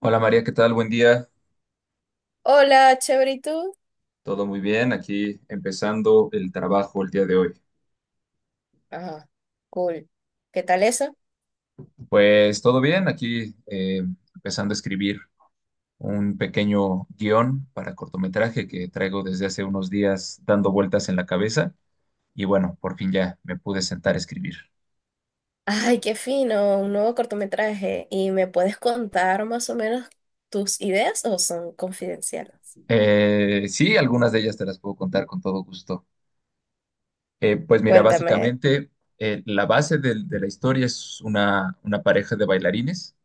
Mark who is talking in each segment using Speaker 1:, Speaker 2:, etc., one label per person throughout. Speaker 1: Hola María, ¿qué tal? Buen día.
Speaker 2: Hola, chévere, ¿y tú?
Speaker 1: Todo muy bien. Aquí empezando el trabajo el día de hoy.
Speaker 2: Ajá, cool. ¿Qué tal eso?
Speaker 1: Pues todo bien. Aquí empezando a escribir un pequeño guión para cortometraje que traigo desde hace unos días dando vueltas en la cabeza. Y bueno, por fin ya me pude sentar a escribir.
Speaker 2: Ay, qué fino, un nuevo cortometraje. ¿Y me puedes contar más o menos tus ideas o son confidenciales?
Speaker 1: Sí, algunas de ellas te las puedo contar con todo gusto. Pues mira,
Speaker 2: Cuéntame.
Speaker 1: básicamente la base de la historia es una pareja de bailarines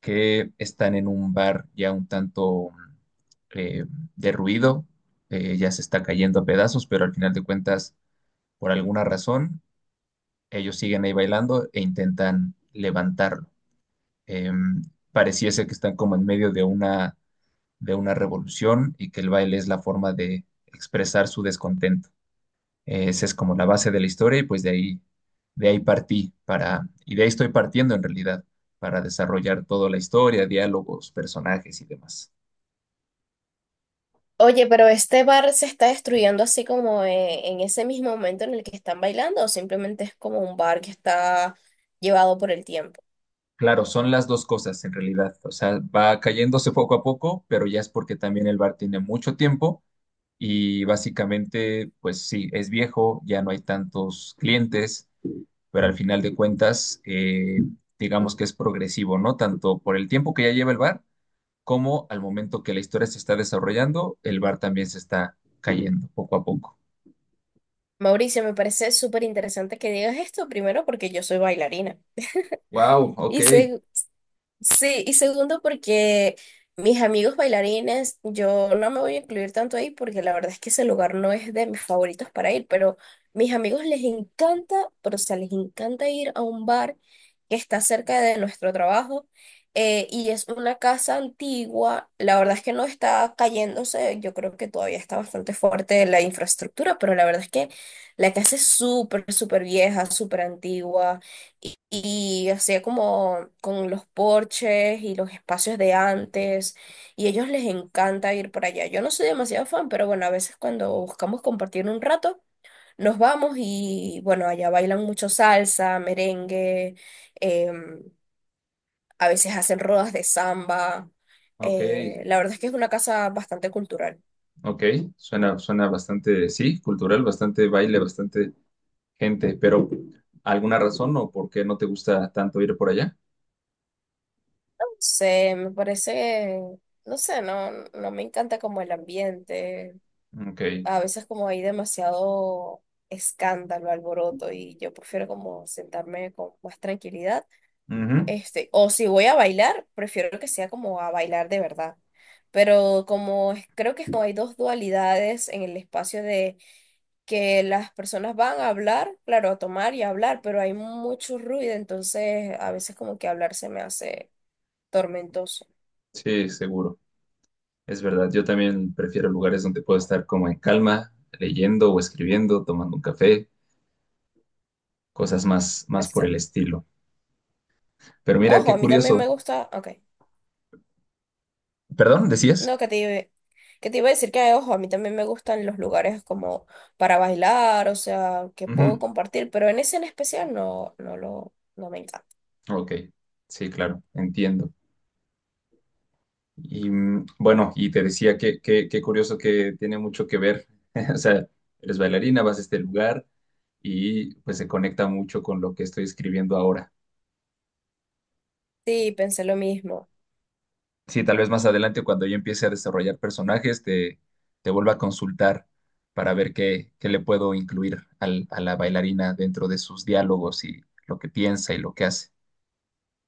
Speaker 1: que están en un bar ya un tanto eh, derruido, ya se está cayendo a pedazos, pero al final de cuentas, por alguna razón, ellos siguen ahí bailando e intentan levantarlo. Eh, Pareciese que están como en medio de de una revolución y que el baile es la forma de expresar su descontento. Esa es como la base de la historia y pues de ahí partí y de ahí estoy partiendo en realidad, para desarrollar toda la historia, diálogos, personajes y demás.
Speaker 2: Oye, pero este bar se está destruyendo así como en ese mismo momento en el que están bailando, o simplemente es como un bar que está llevado por el tiempo.
Speaker 1: Claro, son las dos cosas en realidad. O sea, va cayéndose poco a poco, pero ya es porque también el bar tiene mucho tiempo y básicamente, pues sí, es viejo, ya no hay tantos clientes, pero al final de cuentas, digamos que es progresivo, ¿no? Tanto por el tiempo que ya lleva el bar cómo al momento que la historia se está desarrollando, el bar también se está cayendo poco a poco.
Speaker 2: Mauricio, me parece súper interesante que digas esto, primero porque yo soy bailarina.
Speaker 1: Wow, ok,
Speaker 2: y seg- Sí, y segundo porque mis amigos bailarines, yo no me voy a incluir tanto ahí porque la verdad es que ese lugar no es de mis favoritos para ir, pero mis amigos les encanta. Pero o sea, les encanta ir a un bar que está cerca de nuestro trabajo, y es una casa antigua. La verdad es que no está cayéndose, yo creo que todavía está bastante fuerte la infraestructura, pero la verdad es que la casa es súper, súper vieja, súper antigua, y hacía como con los porches y los espacios de antes, y a ellos les encanta ir para allá. Yo no soy demasiado fan, pero bueno, a veces cuando buscamos compartir un rato, nos vamos y bueno, allá bailan mucho salsa, merengue, em, a veces hacen rodas de samba.
Speaker 1: ok,
Speaker 2: La verdad es que es una casa bastante cultural.
Speaker 1: ok. Suena bastante, sí, cultural, bastante baile, bastante gente, pero ¿alguna razón o por qué no te gusta tanto ir por allá?
Speaker 2: No sé, me parece, no sé, no, no me encanta como el ambiente.
Speaker 1: Ok,
Speaker 2: A veces como hay demasiado escándalo, alboroto, y yo prefiero como sentarme con más tranquilidad.
Speaker 1: ujú.
Speaker 2: Este, o si voy a bailar, prefiero que sea como a bailar de verdad. Pero creo que es como hay dos dualidades en el espacio de que las personas van a hablar, claro, a tomar y a hablar, pero hay mucho ruido, entonces a veces como que hablar se me hace tormentoso.
Speaker 1: Sí, seguro. Es verdad, yo también prefiero lugares donde puedo estar como en calma, leyendo o escribiendo, tomando un café, más por
Speaker 2: Este,
Speaker 1: el estilo. Pero mira,
Speaker 2: ojo,
Speaker 1: qué
Speaker 2: a mí también me
Speaker 1: curioso.
Speaker 2: gusta, ok.
Speaker 1: Perdón, decías.
Speaker 2: No, que te iba a decir que, ojo, a mí también me gustan los lugares como para bailar, o sea, que puedo
Speaker 1: Ujú.
Speaker 2: compartir, pero en ese en especial no, no me encanta.
Speaker 1: Ok, sí, claro, entiendo. Y mm, bueno, y te decía que qué curioso que tiene mucho que ver. O sea, eres bailarina, vas a este lugar y pues se conecta mucho con lo que estoy escribiendo ahora.
Speaker 2: Sí, pensé lo mismo.
Speaker 1: Sí, tal vez más adelante cuando yo empiece a desarrollar personajes, te vuelva a consultar para ver qué le puedo incluir a la bailarina dentro de sus diálogos y lo que piensa y lo que hace.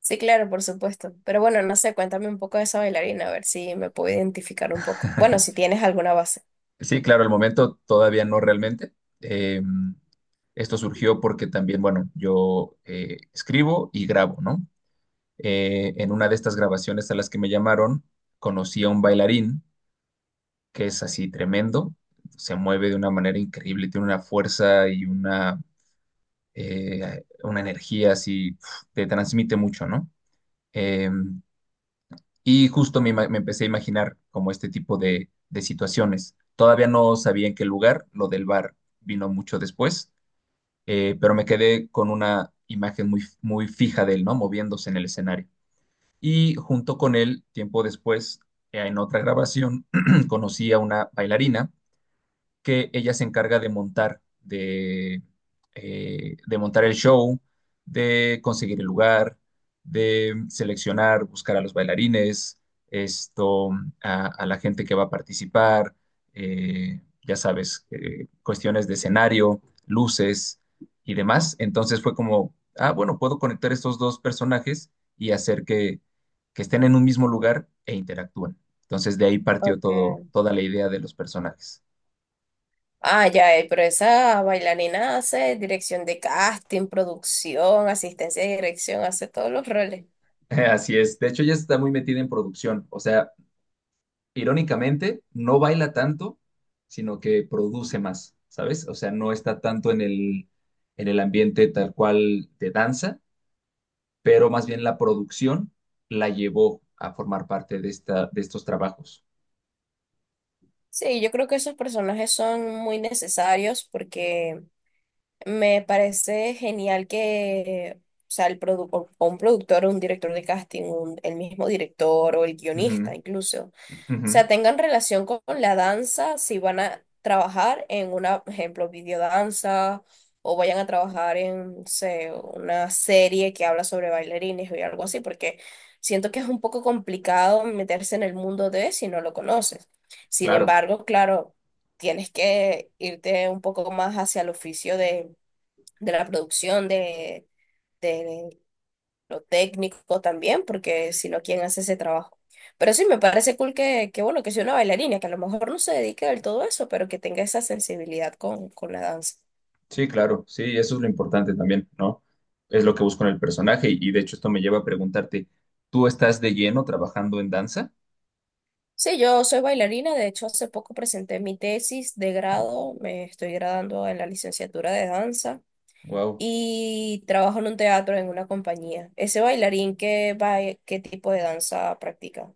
Speaker 2: Sí, claro, por supuesto. Pero bueno, no sé, cuéntame un poco de esa bailarina, a ver si me puedo identificar un poco. Bueno, si tienes alguna base.
Speaker 1: Sí, claro, al momento todavía no realmente. Eh, Esto surgió porque también, bueno, yo escribo y grabo, ¿no? En una de estas grabaciones a las que me llamaron, conocí a un bailarín que es así tremendo, se mueve de una manera increíble, tiene una fuerza y una energía así, uf, te transmite mucho, ¿no? Eh, Y justo me empecé a imaginar como este tipo de situaciones. Todavía no sabía en qué lugar, lo del bar vino mucho después, pero me quedé con una imagen muy fija de él, ¿no? Moviéndose en el escenario. Y junto con él, tiempo después, en otra grabación, conocí a una bailarina que ella se encarga de de montar el show, de conseguir el lugar, de seleccionar, buscar a los bailarines, esto, a la gente que va a participar, ya sabes, cuestiones de escenario, luces y demás. Entonces fue como, ah, bueno, puedo conectar estos dos personajes y hacer que estén en un mismo lugar e interactúen. Entonces de ahí partió todo,
Speaker 2: Okay.
Speaker 1: toda la idea de los personajes.
Speaker 2: Ah, ya, pero esa bailarina hace dirección de casting, producción, asistencia de dirección, hace todos los roles.
Speaker 1: Así es. De hecho, ella está muy metida en producción. O sea, irónicamente, no baila tanto, sino que produce más, ¿sabes? O sea, no está tanto en el ambiente tal cual de danza, pero más bien la producción la llevó a formar parte de esta, de estos trabajos.
Speaker 2: Sí, yo creo que esos personajes son muy necesarios porque me parece genial que, o sea, o un productor, o un director de casting, el mismo director o el
Speaker 1: Ujú,
Speaker 2: guionista incluso, o
Speaker 1: ujú.
Speaker 2: sea, tengan relación con la danza si van a trabajar en una, por ejemplo, videodanza, o vayan a trabajar en, no sé, una serie que habla sobre bailarines o algo así, porque siento que es un poco complicado meterse en el mundo de si no lo conoces. Sin
Speaker 1: Claro,
Speaker 2: embargo, claro, tienes que irte un poco más hacia el oficio de la producción, de lo técnico también, porque si no, ¿quién hace ese trabajo? Pero sí, me parece cool que bueno, que sea una bailarina, que a lo mejor no se dedique del todo a eso, pero que tenga esa sensibilidad con la danza.
Speaker 1: sí, claro, sí, eso es lo importante también, ¿no? Es lo que busco en el personaje y de hecho esto me lleva a preguntarte, ¿tú estás de lleno trabajando en danza?
Speaker 2: Sí, yo soy bailarina, de hecho hace poco presenté mi tesis de grado, me estoy graduando en la licenciatura de danza
Speaker 1: Wow.
Speaker 2: y trabajo en un teatro, en una compañía. ¿Ese bailarín qué, qué tipo de danza practica?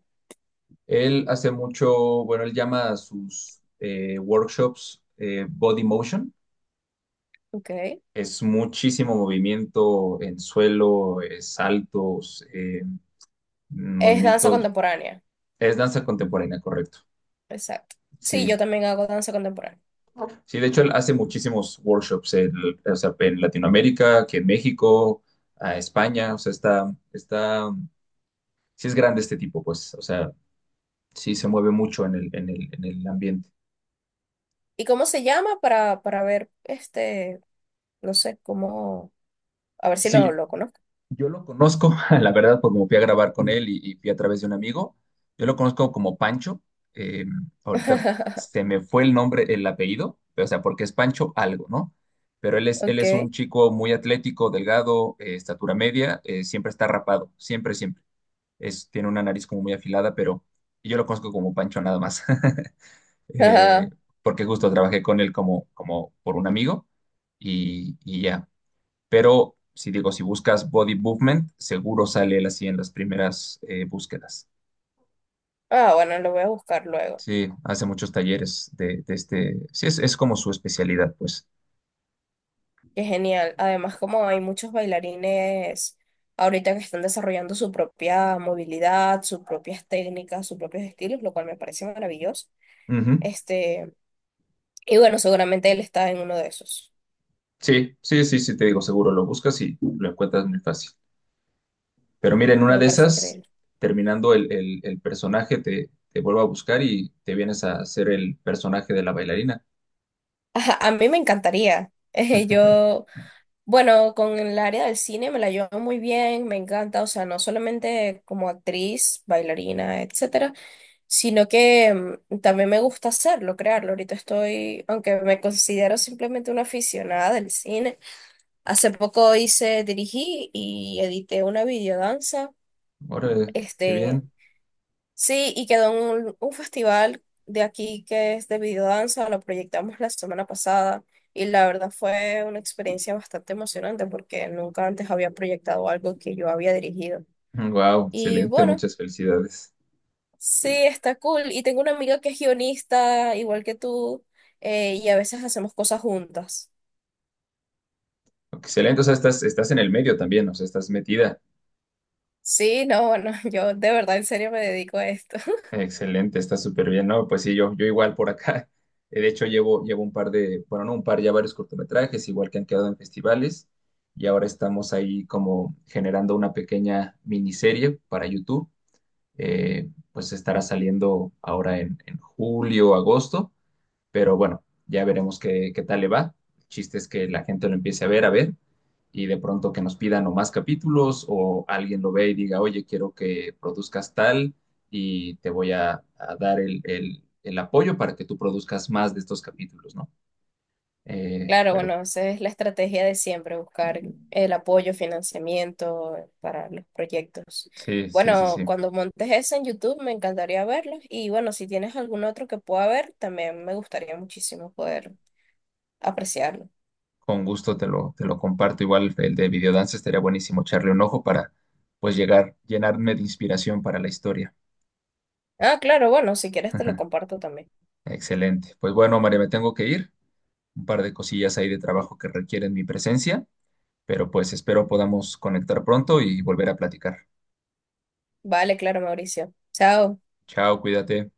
Speaker 1: Él hace mucho, bueno, él llama a sus workshops body motion.
Speaker 2: Ok.
Speaker 1: Es muchísimo movimiento en suelo, saltos,
Speaker 2: Es danza
Speaker 1: movimientos.
Speaker 2: contemporánea.
Speaker 1: Es danza contemporánea, correcto.
Speaker 2: Exacto. Sí, yo
Speaker 1: Sí,
Speaker 2: también hago danza contemporánea.
Speaker 1: sí, de hecho él hace muchísimos workshops en, o sea, en Latinoamérica, aquí en México, a España, o sea, está, sí es grande este tipo, pues, o sea, sí se mueve mucho en el ambiente.
Speaker 2: ¿Y cómo se llama? Para ver, este, no sé, cómo, a ver si lo,
Speaker 1: Sí,
Speaker 2: lo conozco.
Speaker 1: yo lo conozco, la verdad, porque como fui a grabar con él y fui a través de un amigo. Yo lo conozco como Pancho. eh, ahorita se me fue el nombre, el apellido, pero, o sea, porque es Pancho algo, ¿no? Pero él es un
Speaker 2: Ok.
Speaker 1: chico muy atlético, delgado, estatura media, siempre está rapado, siempre, siempre. Es, tiene una nariz como muy afilada, pero yo lo conozco como Pancho nada más. Eh,
Speaker 2: Ajá.
Speaker 1: Porque justo trabajé con él como, como por un amigo y ya. Pero si digo, si buscas body movement, seguro sale él así en las primeras búsquedas.
Speaker 2: Ah, bueno, lo voy a buscar luego.
Speaker 1: Sí, hace muchos talleres de este. Sí, es como su especialidad, pues.
Speaker 2: Qué genial. Además, como hay muchos bailarines ahorita que están desarrollando su propia movilidad, sus propias técnicas, sus propios estilos, lo cual me parece maravilloso.
Speaker 1: Ujú.
Speaker 2: Este, y bueno, seguramente él está en uno de esos.
Speaker 1: Sí, sí, sí, sí, te digo, seguro lo buscas y lo encuentras muy fácil. Pero mira, en una
Speaker 2: Me
Speaker 1: de
Speaker 2: parece
Speaker 1: esas,
Speaker 2: increíble.
Speaker 1: terminando el personaje, te vuelvo a buscar y te vienes a hacer el personaje de la bailarina.
Speaker 2: Ajá, a mí me encantaría. Yo, bueno, con el área del cine me la llevo muy bien, me encanta, o sea, no solamente como actriz, bailarina, etcétera, sino que también me gusta hacerlo, crearlo. Ahorita estoy, aunque me considero simplemente una aficionada del cine, hace poco hice, dirigí y edité una videodanza,
Speaker 1: Órale, qué
Speaker 2: este,
Speaker 1: bien.
Speaker 2: sí, y quedó en un festival de aquí que es de videodanza, lo proyectamos la semana pasada, y la verdad fue una experiencia bastante emocionante porque nunca antes había proyectado algo que yo había dirigido.
Speaker 1: Wow,
Speaker 2: Y
Speaker 1: excelente,
Speaker 2: bueno,
Speaker 1: muchas felicidades.
Speaker 2: sí, está cool. Y tengo una amiga que es guionista, igual que tú, y a veces hacemos cosas juntas.
Speaker 1: Excelente, o sea, estás en el medio también, o sea, estás metida.
Speaker 2: Sí, no, bueno, yo de verdad en serio me dedico a esto.
Speaker 1: Excelente, está súper bien, ¿no? Pues sí, yo igual por acá. De hecho, llevo un par de, bueno, no un par, ya varios cortometrajes, igual que han quedado en festivales, y ahora estamos ahí como generando una pequeña miniserie para YouTube. Pues estará saliendo ahora en julio, agosto, pero bueno, ya veremos qué tal le va. El chiste es que la gente lo empiece a ver, y de pronto que nos pidan o más capítulos o alguien lo ve y diga, oye, quiero que produzcas tal y te voy a dar el apoyo para que tú produzcas más de estos capítulos, ¿no?
Speaker 2: Claro,
Speaker 1: Pero
Speaker 2: bueno, esa es la estrategia de siempre, buscar el apoyo, financiamiento para los proyectos.
Speaker 1: sí, sí, sí,
Speaker 2: Bueno,
Speaker 1: sí.
Speaker 2: cuando montes eso en YouTube me encantaría verlos, y bueno, si tienes algún otro que pueda ver, también me gustaría muchísimo poder apreciarlo.
Speaker 1: Con gusto te lo comparto. Igual el de videodance estaría buenísimo echarle un ojo para pues llegar, llenarme de inspiración para la historia.
Speaker 2: Ah, claro, bueno, si quieres te lo comparto también.
Speaker 1: Excelente. Pues bueno, María, me tengo que ir. Un par de cosillas ahí de trabajo que requieren mi presencia, pero pues espero podamos conectar pronto y volver a platicar.
Speaker 2: Vale, claro, Mauricio. Chao.
Speaker 1: Chao, cuídate.